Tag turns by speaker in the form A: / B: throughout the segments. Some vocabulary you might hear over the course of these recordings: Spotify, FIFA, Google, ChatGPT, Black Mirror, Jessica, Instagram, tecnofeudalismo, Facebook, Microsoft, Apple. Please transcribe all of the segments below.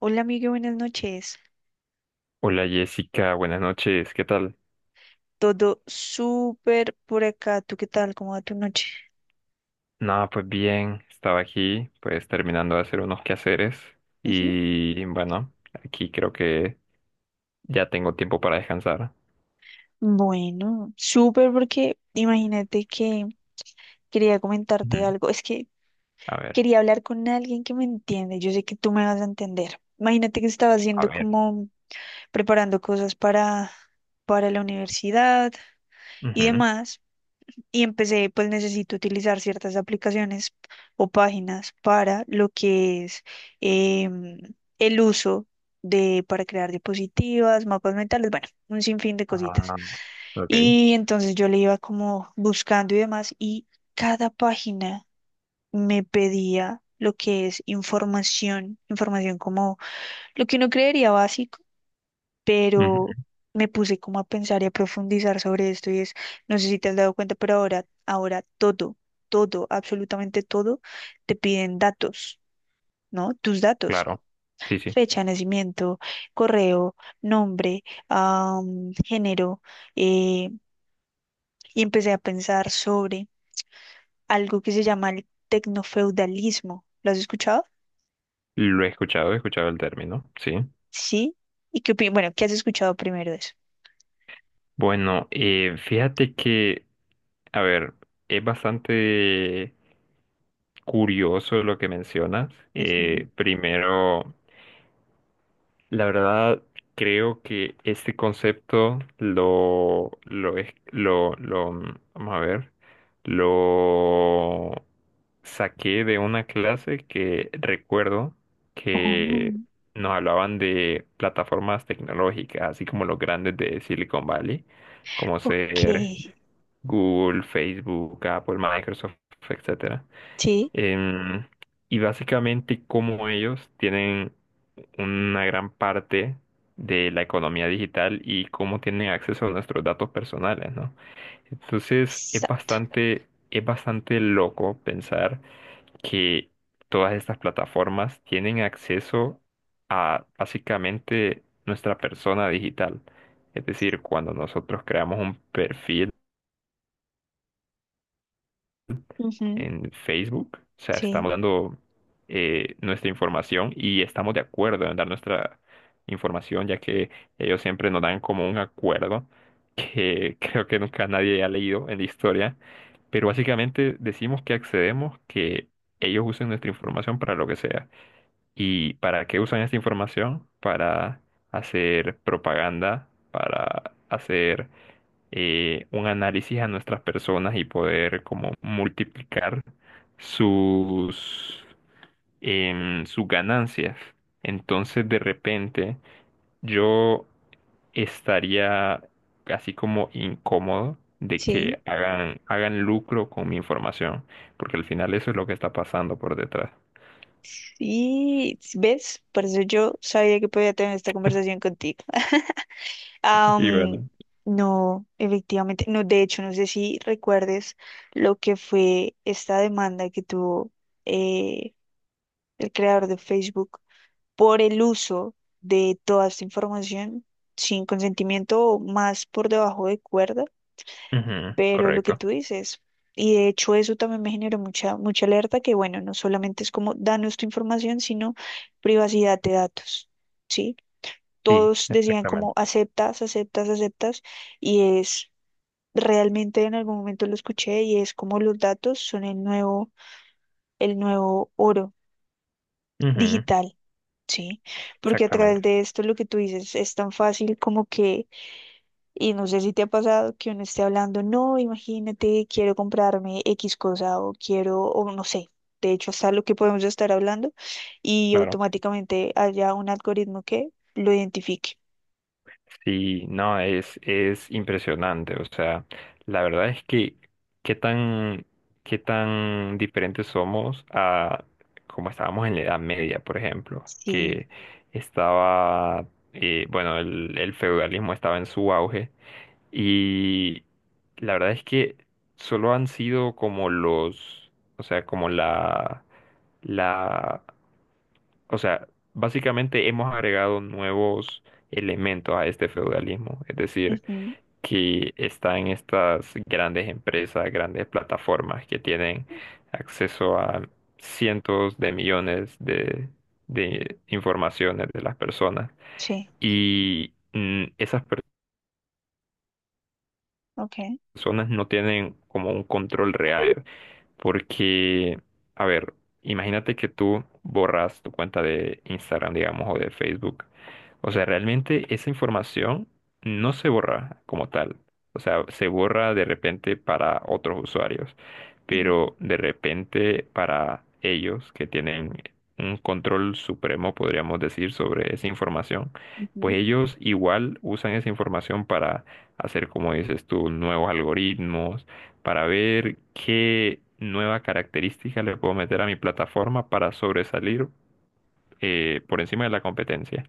A: Hola, amigo, buenas noches.
B: Hola Jessica, buenas noches, ¿qué tal?
A: Todo súper por acá. ¿Tú qué tal? ¿Cómo va tu noche?
B: Nada, pues bien, estaba aquí, pues terminando de hacer unos quehaceres
A: Ujú.
B: y bueno, aquí creo que ya tengo tiempo para descansar.
A: Bueno, súper porque imagínate que quería
B: Ujú.
A: comentarte algo. Es que
B: A ver,
A: quería hablar con alguien que me entiende. Yo sé que tú me vas a entender. Imagínate que estaba
B: a
A: haciendo
B: ver.
A: como preparando cosas para la universidad y
B: Ujú,
A: demás. Y empecé, pues necesito utilizar ciertas aplicaciones o páginas para lo que es em, el uso para crear diapositivas, mapas mentales, bueno, un sinfín de cositas.
B: ah, ok,
A: Y entonces yo le iba como buscando y demás, y cada página me pedía lo que es información, información como lo que uno creería básico, pero
B: ujú,
A: me puse como a pensar y a profundizar sobre esto, y es, no sé si te has dado cuenta, pero ahora todo, todo, absolutamente todo, te piden datos, ¿no? Tus datos,
B: claro, sí, sí,
A: fecha de nacimiento, correo, nombre, género, eh, y empecé a pensar sobre algo que se llama el tecnofeudalismo. ¿Lo has escuchado?
B: lo he escuchado el término, sí.
A: Sí. ¿Y qué opinas? Bueno, ¿qué has escuchado primero de eso?
B: Bueno, fíjate que, a ver, es bastante curioso lo que mencionas.
A: Ujú.
B: Primero... La verdad, creo que este concepto lo, es- lo, mm, vamos a ver, lo saqué de una clase que recuerdo que
A: Oh,
B: nos hablaban de plataformas tecnológicas, así como los grandes de Silicon Valley, como
A: ok.
B: ser Google, Facebook, Apple, Microsoft, etcétera.
A: Sí,
B: Em, y básicamente cómo ellos tienen una gran parte de la economía digital y cómo tienen acceso a nuestros datos personales, ¿no? Entonces,
A: exacto.
B: es bastante loco pensar que todas estas plataformas tienen acceso a básicamente nuestra persona digital. Es decir, cuando nosotros creamos un perfil,
A: Ujú,
B: en Facebook. O sea,
A: sí,
B: estamos dando nuestra información y estamos de acuerdo en dar nuestra información, ya que ellos siempre nos dan como un acuerdo que creo que nunca nadie ha leído en la historia. Pero básicamente decimos que accedemos, que ellos usen nuestra información para lo que sea. ¿Y para qué usan esta información? Para hacer propaganda, para hacer un análisis a nuestras personas y poder como multiplicar sus, sus ganancias. Entonces, de repente, yo estaría así como incómodo de
A: sí.
B: que hagan lucro con mi información, porque al final eso es lo que está pasando por detrás.
A: Y ves, por eso yo sabía que podía tener esta conversación contigo.
B: Y
A: Am,
B: bueno.
A: no, efectivamente, no, de hecho, no sé si recuerdes lo que fue esta demanda que tuvo eh, el creador de Facebook por el uso de toda esta información sin consentimiento o más por debajo de cuerda.
B: Ujú,
A: Pero lo que
B: correcto.
A: tú dices, y de hecho eso también me generó mucha, mucha alerta, que bueno, no solamente es como danos tu información, sino privacidad de datos, ¿sí?
B: Sí,
A: Todos decían como
B: exactamente.
A: aceptas, aceptas, aceptas, y es realmente en algún momento lo escuché y es como los datos son el nuevo, oro
B: Ujú,
A: digital, ¿sí? Porque a
B: exactamente.
A: través de esto lo que tú dices es tan fácil como que. Y no sé si te ha pasado que uno esté hablando, no, imagínate, quiero comprarme X cosa o quiero, o no sé, de hecho hasta lo que podemos estar hablando y
B: Claro.
A: automáticamente haya un algoritmo que lo identifique.
B: Sí, no, es impresionante. O sea, la verdad es que qué tan, qué tan diferentes somos a como estábamos en la Edad Media, por ejemplo,
A: Sí,
B: que estaba, bueno, el feudalismo estaba en su auge y la verdad es que solo han sido como los, o sea, como la o sea, básicamente hemos agregado nuevos elementos a este feudalismo, es decir,
A: ujú,
B: que están estas grandes empresas, grandes plataformas que tienen acceso a cientos de millones de informaciones de las personas
A: sí,
B: y esas
A: ok,
B: personas no tienen como un control real. Porque, a ver, imagínate que tú borras tu cuenta de Instagram, digamos, o de Facebook. O sea, realmente esa información no se borra como tal. O sea, se borra de repente para otros usuarios,
A: ujú,
B: pero de repente para ellos que tienen un control supremo, podríamos decir, sobre esa información,
A: ujú,
B: pues ellos igual usan esa información para hacer, como dices tú, nuevos algoritmos para ver qué nueva característica le puedo meter a mi plataforma para sobresalir por encima de la competencia.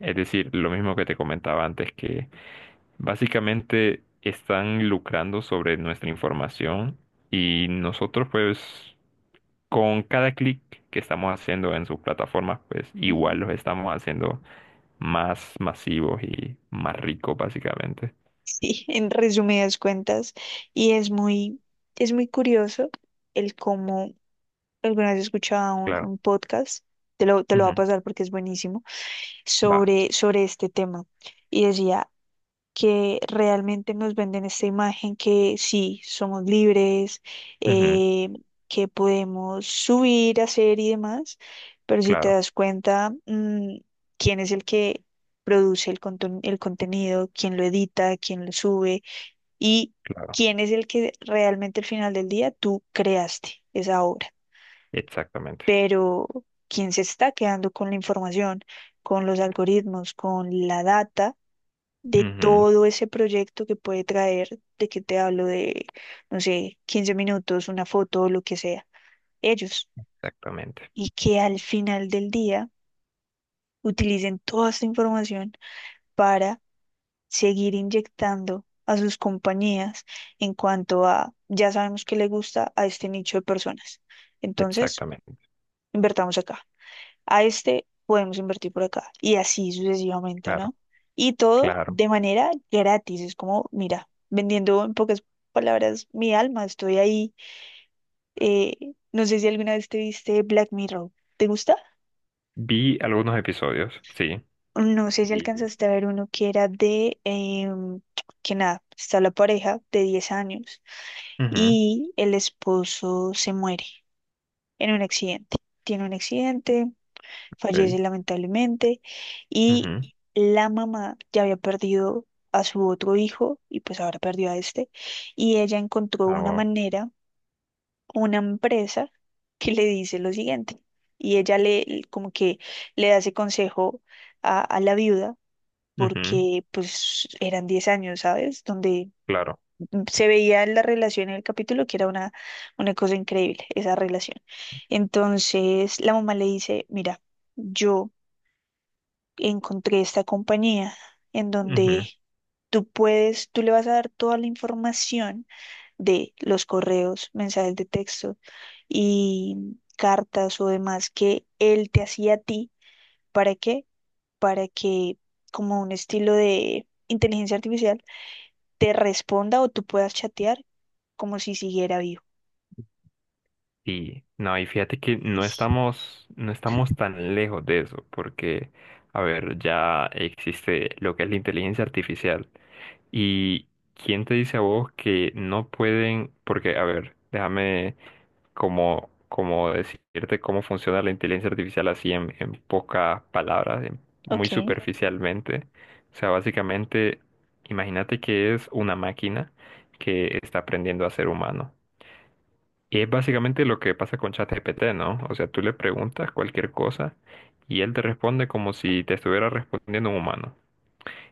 B: Es decir, lo mismo que te comentaba antes, que básicamente están lucrando sobre nuestra información y nosotros pues con cada clic que estamos haciendo en sus plataformas pues igual
A: ujú.
B: los estamos haciendo más masivos y más ricos básicamente.
A: Sí, en resumidas cuentas, y es muy, curioso el cómo alguna vez escuchaba un,
B: Claro.
A: un podcast, te lo va a
B: Ujú.
A: pasar porque es buenísimo
B: Va.
A: sobre este tema y decía que realmente nos venden esta imagen que sí, somos libres,
B: Ujú.
A: eh, que podemos subir, hacer y demás, pero si te
B: Claro,
A: das cuenta, quién es el que produce el contenido, quién lo edita, quién lo sube y
B: claro.
A: quién es el que realmente al final del día tú creaste esa obra,
B: Exactamente.
A: pero quien se está quedando con la información, con los algoritmos, con la data de
B: Ujú.
A: todo ese proyecto que puede traer, de que te hablo de, no sé, 15 minutos, una foto o lo que sea, ellos,
B: Exactamente,
A: y que al final del día utilicen toda esta información para seguir inyectando a sus compañías en cuanto a, ya sabemos que le gusta a este nicho de personas. Entonces,
B: exactamente,
A: invertamos acá, a este podemos invertir por acá y así sucesivamente,
B: claro,
A: ¿no? Y todo
B: claro.
A: de manera gratis, es como, mira, vendiendo en pocas palabras mi alma, estoy ahí. No sé si alguna vez te viste Black Mirror, ¿te gusta?
B: Vi algunos episodios, sí.
A: No sé si
B: Y,
A: alcanzaste a ver uno que era que nada, está la pareja de 10 años
B: ujú,
A: y el esposo se muere en un accidente. Tiene un accidente, fallece
B: ok,
A: lamentablemente y
B: ujú,
A: la mamá ya había perdido a su otro hijo y pues ahora perdió a este, y ella encontró
B: ah,
A: una
B: wow,
A: manera, una empresa que le dice lo siguiente, y ella le como que le da ese consejo a, la viuda,
B: ujú,
A: porque pues eran 10 años, ¿sabes? Donde
B: claro,
A: se veía la relación en el capítulo que era una cosa increíble, esa relación. Entonces la mamá le dice, mira, yo encontré esta compañía en donde
B: ujú.
A: tú puedes, tú le vas a dar toda la información de los correos, mensajes de texto y cartas o demás que él te hacía a ti. ¿Para qué? Para que como un estilo de inteligencia artificial te responda o tú puedas chatear como si siguiera vivo.
B: Y no, y fíjate que
A: Ish,
B: no estamos tan lejos de eso, porque, a ver, ya existe lo que es la inteligencia artificial. ¿Y quién te dice a vos que no pueden? Porque, a ver, déjame como decirte cómo funciona la inteligencia artificial así en pocas palabras, en- muy
A: ok,
B: superficialmente. O sea, básicamente, imagínate que es una máquina que está aprendiendo a ser humano. Y es básicamente lo que pasa con ChatGPT, ¿no? O sea, tú le preguntas cualquier cosa y él te responde como si te estuviera respondiendo un humano.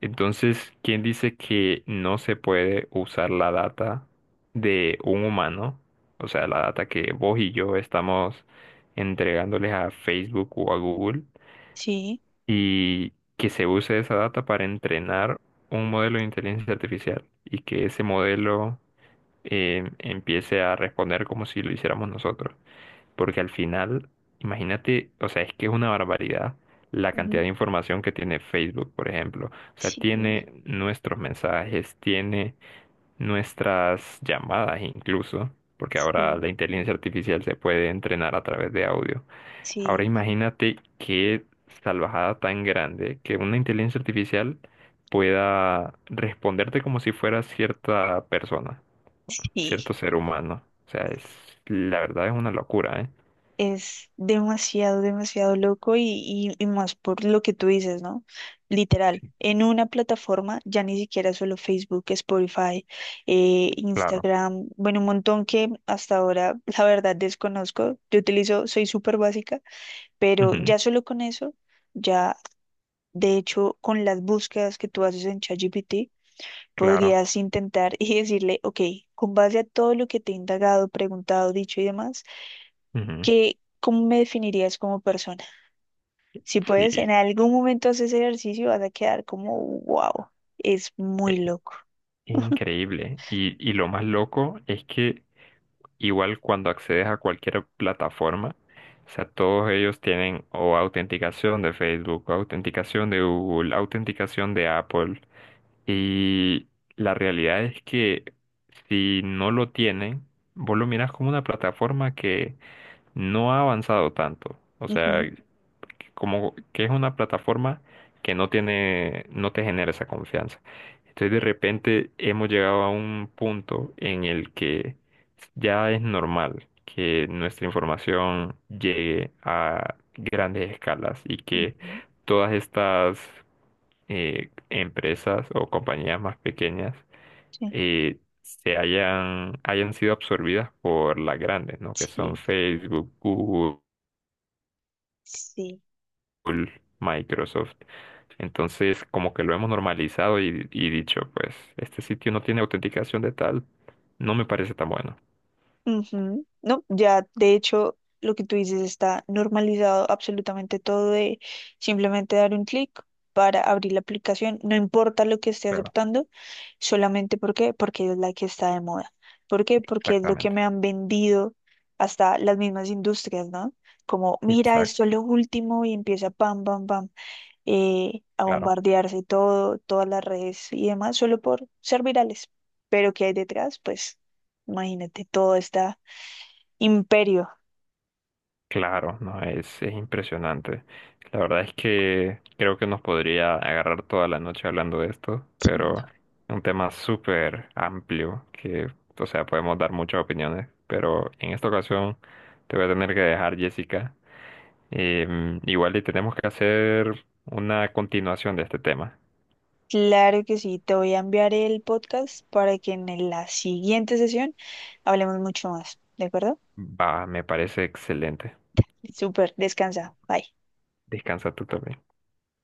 B: Entonces, ¿quién dice que no se puede usar la data de un humano? O sea, la data que vos y yo estamos entregándoles a Facebook o a Google
A: sí,
B: y que se use esa data para entrenar un modelo de inteligencia artificial y que ese modelo empiece a responder como si lo hiciéramos nosotros. Porque al final, imagínate, o sea, es que es una barbaridad la cantidad
A: ujú,
B: de información que tiene Facebook, por ejemplo. O sea,
A: sí,
B: tiene nuestros mensajes, tiene nuestras llamadas incluso, porque ahora
A: sí,
B: la inteligencia artificial se puede entrenar a través de audio. Ahora
A: sí,
B: imagínate qué salvajada tan grande que una inteligencia artificial pueda responderte como si fuera cierta persona,
A: sí.
B: cierto ser humano. O sea, la verdad es una locura, ¿eh?
A: Es demasiado, demasiado loco y más por lo que tú dices, ¿no? Literal,
B: Sí,
A: en una plataforma, ya ni siquiera solo Facebook, Spotify,
B: claro.
A: Instagram, bueno, un montón que hasta ahora, la verdad, desconozco. Yo utilizo, soy súper básica, pero
B: Ujú,
A: ya solo con eso, ya, de hecho, con las búsquedas que tú haces en ChatGPT,
B: claro.
A: podrías intentar y decirle, ok, con base a todo lo que te he indagado, preguntado, dicho y demás,
B: Ujú,
A: ¿qué, cómo me definirías como persona? Si puedes, en
B: sí,
A: algún momento haces ejercicio, vas a quedar como, wow, es
B: es
A: muy loco.
B: increíble. Y lo más loco es que igual cuando accedes a cualquier plataforma, o sea, todos ellos tienen o autenticación de Facebook, o autenticación de Google, autenticación de Apple. Y la realidad es que si no lo tienen, vos lo mirás como una plataforma que no ha avanzado tanto. O sea,
A: Ujú,
B: que como que es una plataforma que no tiene, no te genera esa confianza. Entonces de repente hemos llegado a un punto en el que ya es normal que nuestra información llegue a grandes escalas y que
A: ujú,
B: todas estas empresas o compañías más pequeñas
A: sí,
B: hayan sido absorbidas por las grandes, ¿no? Que son
A: sí,
B: Facebook, Google,
A: sí.
B: Microsoft. Entonces, como que lo hemos normalizado y dicho, pues, este sitio no tiene autenticación de tal, no me parece tan bueno.
A: Ujú. No, ya, de hecho, lo que tú dices está normalizado absolutamente todo de simplemente dar un clic para abrir la aplicación, no importa lo que esté
B: Claro,
A: aceptando solamente porque es la que está de moda. ¿Por qué? Porque es lo que me
B: exactamente.
A: han vendido hasta las mismas industrias, ¿no? Como, mira, esto
B: Exacto,
A: es lo último y empieza pam, pam, pam, a
B: claro.
A: bombardearse todo, todas las redes y demás, solo por ser virales. Pero ¿qué hay detrás? Pues imagínate, todo está imperio.
B: Claro, no, es impresionante. La verdad es que creo que nos podría agarrar toda la noche hablando de esto, pero
A: Entiendo.
B: es un tema súper amplio que, o sea, podemos dar muchas opiniones, pero en esta ocasión te voy a tener que dejar, Jessica. Em, igual y tenemos que hacer una continuación de este tema.
A: Claro que sí, te voy a enviar el podcast para que en la siguiente sesión hablemos mucho más, ¿de acuerdo?
B: Va, me parece excelente.
A: Súper, descansa. Bye.
B: Descansa tú también.